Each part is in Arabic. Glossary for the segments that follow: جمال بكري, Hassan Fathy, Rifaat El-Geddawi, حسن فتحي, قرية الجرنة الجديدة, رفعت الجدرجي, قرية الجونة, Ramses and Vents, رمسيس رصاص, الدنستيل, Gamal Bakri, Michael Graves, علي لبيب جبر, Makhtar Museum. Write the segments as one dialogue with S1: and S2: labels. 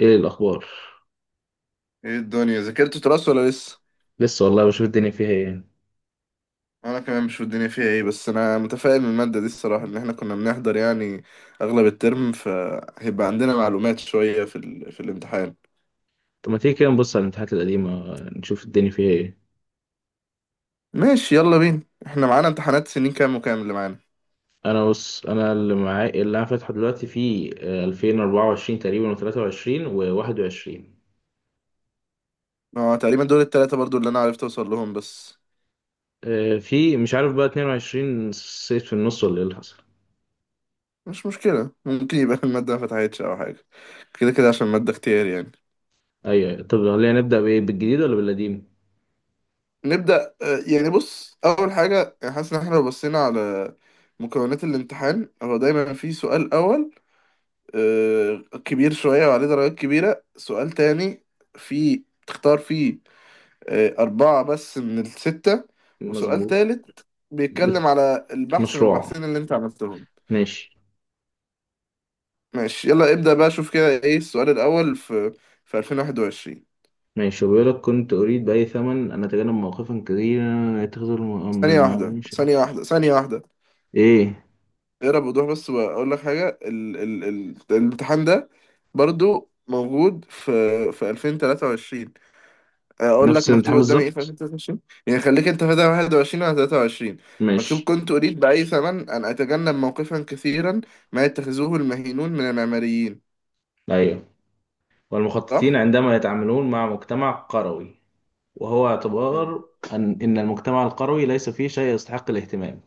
S1: ايه الاخبار؟
S2: ايه الدنيا ذاكرت تراث ولا لسه؟
S1: لسه والله، بشوف الدنيا فيها ايه.
S2: انا كمان مش في الدنيا فيها ايه، بس انا متفائل من الماده دي الصراحه، ان احنا كنا بنحضر يعني اغلب الترم، فهيبقى عندنا معلومات شويه في الامتحان.
S1: طب ما تيجي كده نبص على الامتحانات القديمه، نشوف الدنيا فيها ايه.
S2: ماشي يلا بينا، احنا معانا امتحانات سنين كام وكام اللي معانا؟
S1: انا بص، انا اللي معايا، اللي انا فاتحه دلوقتي في 2024 تقريبا، و23 و21.
S2: اه تقريبا دول التلاتة برضو اللي انا عرفت اوصل لهم بس.
S1: في مش عارف بقى 22 صيت في النص ولا ايه اللي حصل.
S2: مش مشكله، ممكن يبقى الماده ما فتحتش او حاجه، كده كده عشان الماده اختياري يعني.
S1: ايوه أيوة. طب خلينا نبدا بايه، بالجديد ولا بالقديم؟
S2: نبدا. يعني بص، اول حاجه حاسس ان احنا لو بصينا على مكونات الامتحان، هو دايما في سؤال اول آه، كبير شوية وعليه درجات كبيرة، سؤال تاني في تختار فيه أربعة بس من الستة، وسؤال
S1: مظبوط.
S2: تالت
S1: بت-
S2: بيتكلم على البحث من
S1: مشروع.
S2: البحثين اللي أنت عملتهم.
S1: ماشي
S2: ماشي يلا ابدأ بقى، شوف كده إيه السؤال الأول في 2021.
S1: ماشي. بيقول لك كنت اريد باي ثمن ان اتجنب مواقفا كثيره يتخذ الم... من
S2: ثانية
S1: الم...
S2: واحدة
S1: مش-
S2: ثانية واحدة ثانية واحدة.
S1: ايه.
S2: اقرا بوضوح بس وأقول لك حاجة، ال الامتحان ده برضو موجود في 2023. اقول لك
S1: نفس الامتحان
S2: مكتوب قدامي ايه في
S1: بالظبط.
S2: 2023، يعني خليك انت في 21 على 23. مكتوب
S1: مش
S2: كنت اريد باي ثمن ان اتجنب موقفا كثيرا ما يتخذوه المهينون من المعماريين.
S1: أيوه. والمخططين
S2: صح.
S1: عندما يتعاملون مع مجتمع قروي. وهو
S2: مم.
S1: اعتبار إن المجتمع القروي ليس فيه شيء يستحق الاهتمام.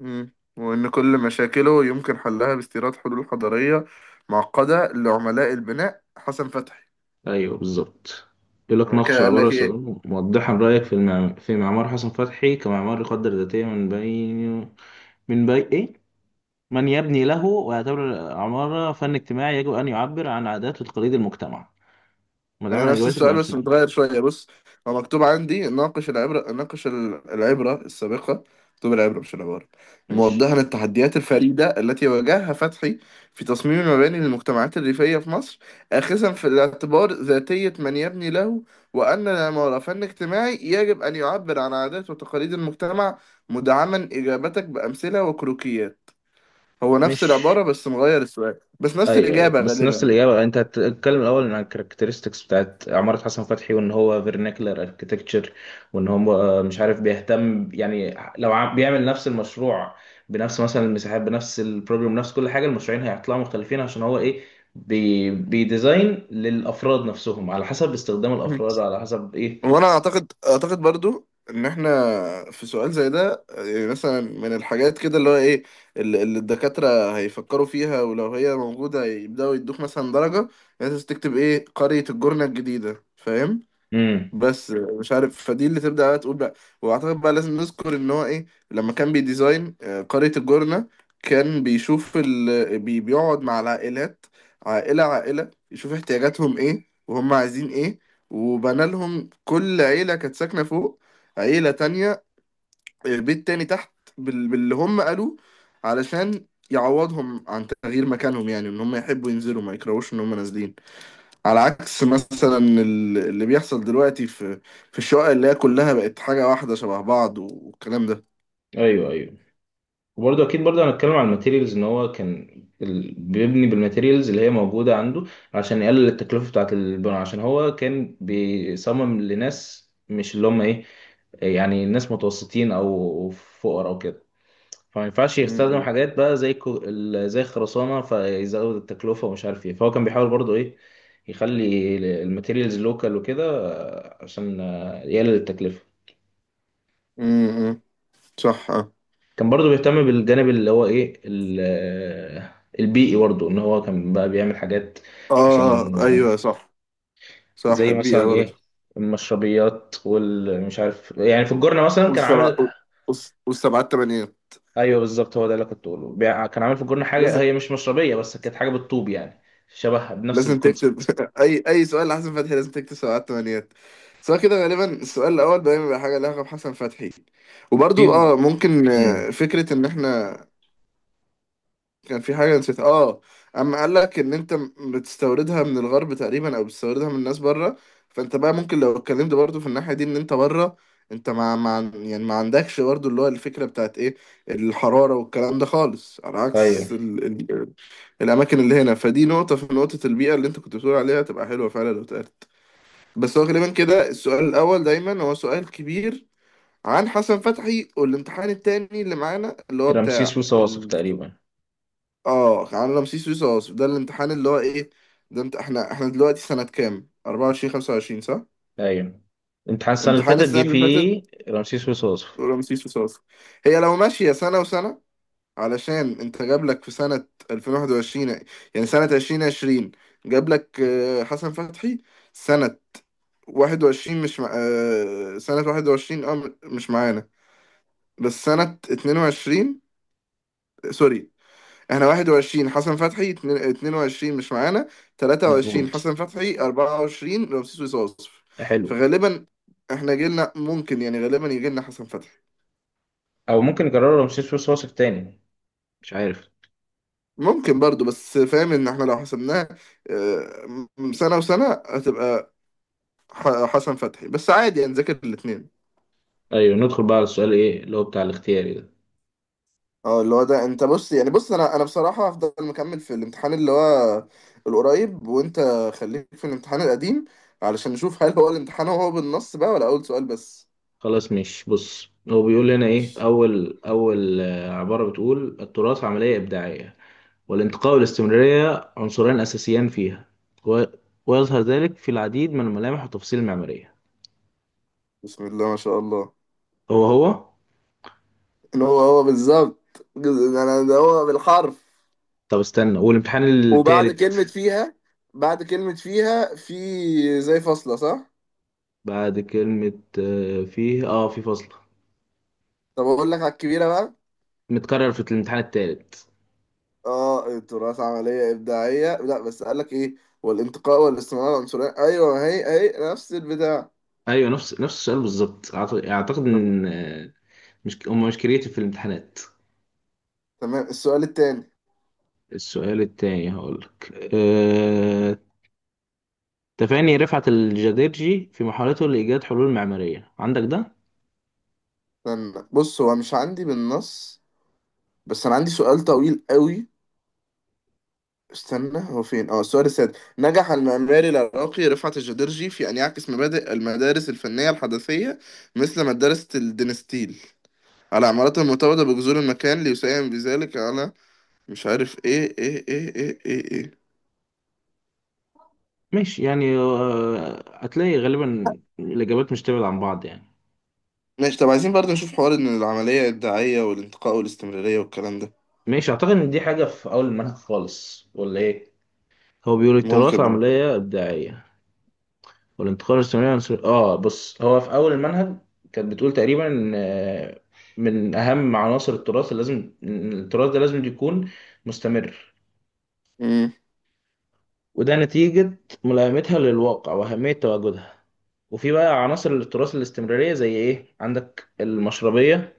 S2: مم. وان كل مشاكله يمكن حلها باستيراد حلول حضاريه معقده لعملاء البناء، حسن فتحي.
S1: أيوه بالظبط. يقول لك
S2: وبعد
S1: ناقش
S2: كده قال
S1: العبارة
S2: لك ايه؟
S1: السؤال موضحا رأيك في معمار حسن فتحي كمعمار يقدر ذاتيا من بين. من بين إيه؟ من يبني له ويعتبر العمارة فن اجتماعي يجب أن يعبر عن عادات وتقاليد المجتمع،
S2: انا
S1: مدعمة
S2: نفس
S1: إجاباتك
S2: السؤال بس
S1: بأمثلة.
S2: متغير شويه بص. هو مكتوب عندي ناقش العبره، العبره السابقه. مكتوب العبره مش العباره،
S1: ماشي.
S2: موضحا التحديات الفريده التي واجهها فتحي في تصميم المباني للمجتمعات الريفيه في مصر، اخذا في الاعتبار ذاتيه من يبني له، وان العماره فن اجتماعي يجب ان يعبر عن عادات وتقاليد المجتمع، مدعما اجابتك بامثله وكروكيات. هو نفس
S1: مش
S2: العباره بس مغير السؤال، بس نفس
S1: ايوه ايوه،
S2: الاجابه
S1: بس نفس
S2: غالبا.
S1: الاجابه. انت هتتكلم الاول عن الكاركترستكس بتاعت عماره حسن فتحي، وان هو فيرناكلر اركتكتشر. وان هو مش عارف، بيهتم يعني لو بيعمل نفس المشروع بنفس مثلا المساحات، بنفس البروجرام، بنفس كل حاجه، المشروعين هيطلعوا مختلفين عشان هو ايه، بيديزاين للافراد نفسهم، على حسب استخدام
S2: يعني
S1: الافراد، على حسب ايه.
S2: وانا اعتقد برضو ان احنا في سؤال زي ده، يعني مثلا من الحاجات كده اللي هو ايه اللي الدكاترة هيفكروا فيها، ولو هي موجودة يبدأوا يدوك مثلا درجة. لازم تكتب ايه، قرية الجرنة الجديدة، فاهم؟
S1: امم.
S2: بس مش عارف، فدي اللي تبدأ بقى تقول بقى. واعتقد بقى لازم نذكر ان هو ايه، لما كان بيديزاين قرية الجونة، كان بيشوف بيقعد مع العائلات عائلة عائلة، يشوف احتياجاتهم ايه وهم عايزين ايه، وبنى لهم. كل عيلة كانت ساكنة فوق، عيلة تانية بيت تاني تحت باللي هم قالوه، علشان يعوضهم عن تغيير مكانهم، يعني ان هم يحبوا ينزلوا، ما يكرهوش ان هم نازلين. على عكس مثلا اللي بيحصل دلوقتي في الشقق اللي هي كلها بقت حاجة واحدة شبه بعض والكلام ده.
S1: ايوه ايوه. وبرضه اكيد برضه هنتكلم على الماتيريالز، ان هو كان بيبني بالماتيريالز اللي هي موجوده عنده، عشان يقلل التكلفه بتاعه البناء، عشان هو كان بيصمم لناس مش اللي هم ايه، يعني ناس متوسطين او فقراء او كده. فما ينفعش
S2: م-
S1: يستخدم
S2: م-
S1: حاجات بقى زي زي الخرسانه، فيزود التكلفه ومش عارف ايه. فهو كان بيحاول برضه ايه، يخلي الماتيريالز لوكال وكده، عشان يقلل التكلفه.
S2: م- م. صح اه.
S1: كان برضو بيهتم بالجانب اللي هو ايه البيئي برضو، ان هو كان بقى بيعمل حاجات عشان
S2: ايوه صح. صح،
S1: زي
S2: البيئة
S1: مثلا ايه،
S2: برضه،
S1: المشربيات والمش عارف يعني، في الجرنة مثلا كان
S2: والسبعة
S1: عامل.
S2: والسبعات تمانيات.
S1: ايوه بالظبط، هو ده اللي كنت بقوله. كان عامل في الجرنة حاجة
S2: لازم
S1: هي مش مشربية، بس كانت حاجة بالطوب يعني، شبهها بنفس
S2: لازم تكتب
S1: الكونسبت.
S2: اي سؤال لحسن فتحي لازم تكتب سبعات تمانيات، سواء كده. غالبا السؤال الاول دايما بيبقى حاجه لها علاقه بحسن فتحي.
S1: في.
S2: وبرضو اه ممكن
S1: امم.
S2: فكره، ان احنا كان في حاجة نسيت اه، اما قال لك ان انت بتستوردها من الغرب تقريبا، او بتستوردها من الناس بره. فانت بقى ممكن لو اتكلمت برضو في الناحية دي، ان انت بره انت ما يعني ما عندكش برضو اللي هو الفكرة بتاعت ايه، الحرارة والكلام ده خالص، على
S1: ايوه.
S2: عكس ال... الاماكن اللي هنا. فدي نقطة، في نقطة البيئة اللي انت كنت بتقول عليها تبقى حلوة فعلا لو اتقالت. بس هو غالبا كده السؤال الاول دايما هو سؤال كبير عن حسن فتحي، والامتحان التاني اللي معانا اللي هو
S1: رمسيس
S2: بتاع.
S1: وصواصف تقريبا.
S2: اه عن رمسيس رصاص، ده الامتحان اللي هو ايه. ده انت، احنا دلوقتي سنة كام، 24 25 صح؟
S1: ايوه، امتحان السنة اللي
S2: امتحان
S1: فاتت
S2: السنة
S1: جه
S2: اللي فاتت
S1: فيه رمسيس وصواصف.
S2: ورمسيس رصاص. هي لو ماشية سنة وسنة، علشان انت جاب لك في سنة 2021، يعني سنة 2020، جاب لك حسن فتحي. سنة 21 مش مع... آه، سنة 21 اه مش معانا، بس سنة 22. سوري، احنا 21 حسن فتحي، 22 مش معانا، 23
S1: مظبوط.
S2: حسن فتحي، 24 رمسيس وصوصف.
S1: حلو.
S2: فغالبا احنا جيلنا ممكن يعني غالبا يجيلنا حسن فتحي.
S1: او ممكن يكرروا رمسيس وصواصف تاني، مش عارف.
S2: ممكن برضو، بس فاهم ان احنا لو حسبناه سنة وسنة، هتبقى حسن فتحي بس. عادي يعني نذاكر الاتنين.
S1: ايوه، ندخل بقى على السؤال ايه اللي هو بتاع الاختياري ده.
S2: اه اللي هو ده انت بص، يعني بص انا بصراحة هفضل مكمل في الامتحان اللي هو القريب، وانت خليك في الامتحان القديم، علشان نشوف هل هو الامتحان هو بالنص بقى ولا اول سؤال بس.
S1: خلاص. مش بص، هو بيقول هنا ايه،
S2: ماشي.
S1: اول اول عبارة، بتقول التراث عملية إبداعية والانتقاء والاستمرارية عنصران أساسيان فيها، و... ويظهر ذلك في العديد من الملامح والتفاصيل المعمارية.
S2: بسم الله ما شاء الله،
S1: هو.
S2: إن هو هو بالظبط. انا ده هو بالحرف.
S1: طب استنى، والامتحان
S2: وبعد
S1: التالت
S2: كلمة فيها، في زي فاصلة صح؟
S1: بعد كلمة آه، فيه اه في فصل،
S2: طب أقول لك على الكبيرة بقى.
S1: متكرر في الامتحان التالت.
S2: اه التراث عملية إبداعية، لا بس قال لك إيه، والانتقاء والاستمرار العنصرية، أيوه هي هي نفس البتاع.
S1: ايوه، نفس السؤال بالظبط. اعتقد
S2: تمام.
S1: ان مش هم مش كريتيف في الامتحانات.
S2: تمام، السؤال التاني.
S1: السؤال التاني هقولك تفاني رفعت الجديرجي في محاولته لإيجاد حلول معمارية، عندك ده؟
S2: استنى بص، هو مش عندي بالنص، بس أنا عندي سؤال طويل قوي. استنى هو فين. اه، السؤال السادس، نجح المعماري العراقي رفعت الجدرجي في أن يعكس مبادئ المدارس الفنية الحدثية مثل مدرسة الدنستيل على عمارته المتواضعة بجذور المكان ليساهم بذلك على مش عارف ايه ايه ايه ايه ايه، إيه.
S1: ماشي يعني، هتلاقي غالبا الإجابات مش تبعد عن بعض يعني.
S2: ماشي، طب عايزين برضه نشوف حوار ان العملية الدعائية والانتقاء والاستمرارية والكلام ده.
S1: ماشي، أعتقد إن دي حاجة في أول المنهج خالص ولا إيه؟ هو بيقول التراث
S2: ممكن ولا.
S1: عملية إبداعية والانتقال الثنائي عنصر بص، هو في أول المنهج كانت بتقول تقريبا إن من أهم عناصر التراث اللي لازم، إن التراث ده لازم يكون مستمر.
S2: مم.
S1: وده نتيجة ملائمتها للواقع وأهمية تواجدها. وفي بقى عناصر التراث الاستمرارية زي إيه؟ عندك المشربية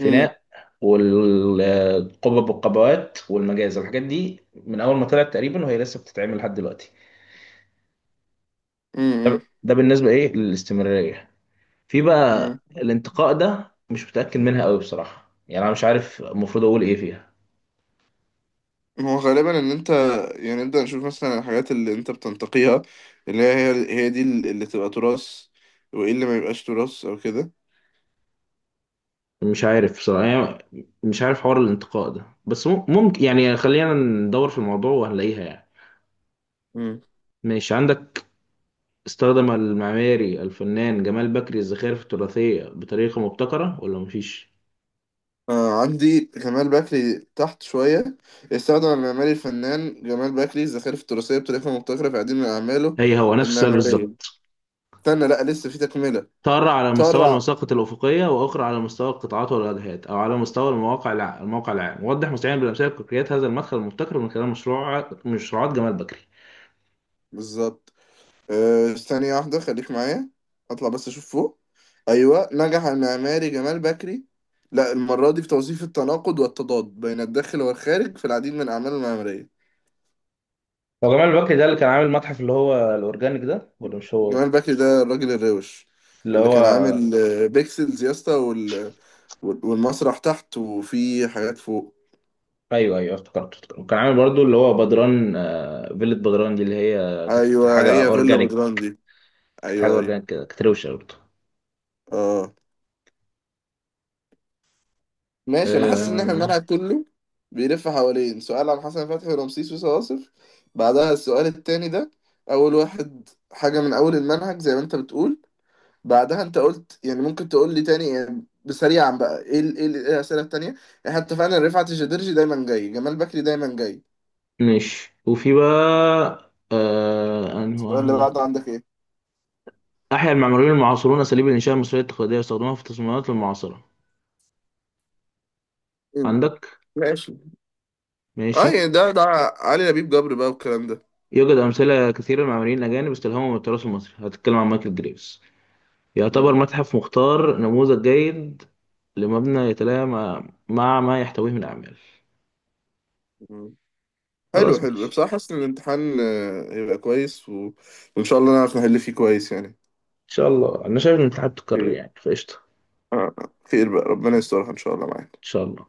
S2: مم.
S1: والقبب والقبوات والمجاز، الحاجات دي من أول ما طلعت تقريبا وهي لسه بتتعمل لحد دلوقتي.
S2: مم.
S1: ده ده بالنسبة إيه للاستمرارية. في بقى
S2: مم.
S1: الانتقاء، ده مش متأكد منها أوي بصراحة يعني، أنا مش عارف المفروض أقول إيه فيها.
S2: هو غالبا ان انت، يعني نبدأ نشوف مثلا الحاجات اللي انت بتنتقيها، اللي هي دي اللي تبقى تراث، وايه اللي ما يبقاش تراث او كده.
S1: مش عارف بصراحة يعني، مش عارف حوار الانتقاء ده، بس ممكن يعني خلينا ندور في الموضوع وهنلاقيها يعني.
S2: مم.
S1: ماشي. عندك استخدم المعماري الفنان جمال بكري الزخارف التراثية بطريقة مبتكرة، ولا مفيش؟
S2: آه عندي جمال بكري تحت شوية. استخدم المعماري الفنان جمال بكري الزخارف التراثية بطريقة مبتكرة في عديد من أعماله
S1: هي هو نفس السؤال
S2: المعمارية.
S1: بالظبط.
S2: استنى لأ، لسه في تكملة.
S1: ترى على مستوى
S2: طرع
S1: المساقط الأفقية، وأخرى على مستوى القطاعات والواجهات، أو على مستوى المواقع الموقع العام. وضح مستعين بالأمثلة الكوكريات هذا المدخل المبتكر من خلال مشروعات جمال بكري.
S2: بالظبط. أه ثانية واحدة خليك معايا، اطلع بس اشوف فوق. ايوه، نجح المعماري جمال بكري، لا المرة دي في توظيف التناقض والتضاد بين الداخل والخارج في العديد من اعماله المعمارية.
S1: هو جمال بكري ده اللي كان عامل متحف اللي هو الأورجانيك ده ولا مش هو؟
S2: جمال بكري ده الراجل الروش،
S1: اللي
S2: اللي كان
S1: هو،
S2: عامل بيكسلز يا اسطى والمسرح تحت، وفي حاجات فوق.
S1: ايوه ايوه، افتكرت افتكرت. وكان عامل برضو اللي هو بدران، فيلة بدران دي اللي هي كانت
S2: ايوه
S1: حاجه
S2: هي فيلا
S1: اورجانيك،
S2: بجراندي.
S1: كانت حاجه
S2: ايوه ايوه
S1: اورجانيك كده، كانت روشه برضو.
S2: اه. ماشي، انا حاسس ان احنا
S1: آه،
S2: الملعب كله بيلف حوالين سؤال عن حسن فتحي ورمسيس وصواصف، بعدها السؤال التاني ده، اول واحد حاجة من اول المنهج زي ما انت بتقول. بعدها انت قلت، يعني ممكن تقول لي تاني يعني بسريعا بقى، إيه الاسئلة التانية. احنا اتفقنا ان رفعت الجديرجي دايما جاي، جمال بكري دايما جاي.
S1: ماشي وفي بقى انهي
S2: السؤال اللي
S1: واحده.
S2: بعده عندك ايه؟
S1: احيا المعماريون المعاصرون اساليب الانشاء المصريه التقليديه، يستخدموها في التصميمات المعاصره.
S2: مم.
S1: عندك.
S2: ماشي اه،
S1: ماشي.
S2: يعني ده علي لبيب جبر بقى والكلام ده.
S1: يوجد امثله كثيره لمعماريين الاجانب استلهموا من التراث المصري، هتتكلم عن مايكل جريفز. يعتبر
S2: مم.
S1: متحف مختار نموذج جيد لمبنى يتلائم مع مع ما يحتويه من اعمال.
S2: حلو
S1: خلاص
S2: حلو بصراحة،
S1: ماشي.
S2: حاسس إن الامتحان هيبقى كويس، و... وإن شاء الله نعرف نحل فيه كويس يعني.
S1: شاء الله، انا شايف ان الاتحاد تكرر
S2: خير.
S1: يعني، فقشطه ان
S2: آه، خير بقى، ربنا يسترها إن شاء الله معاك.
S1: شاء الله.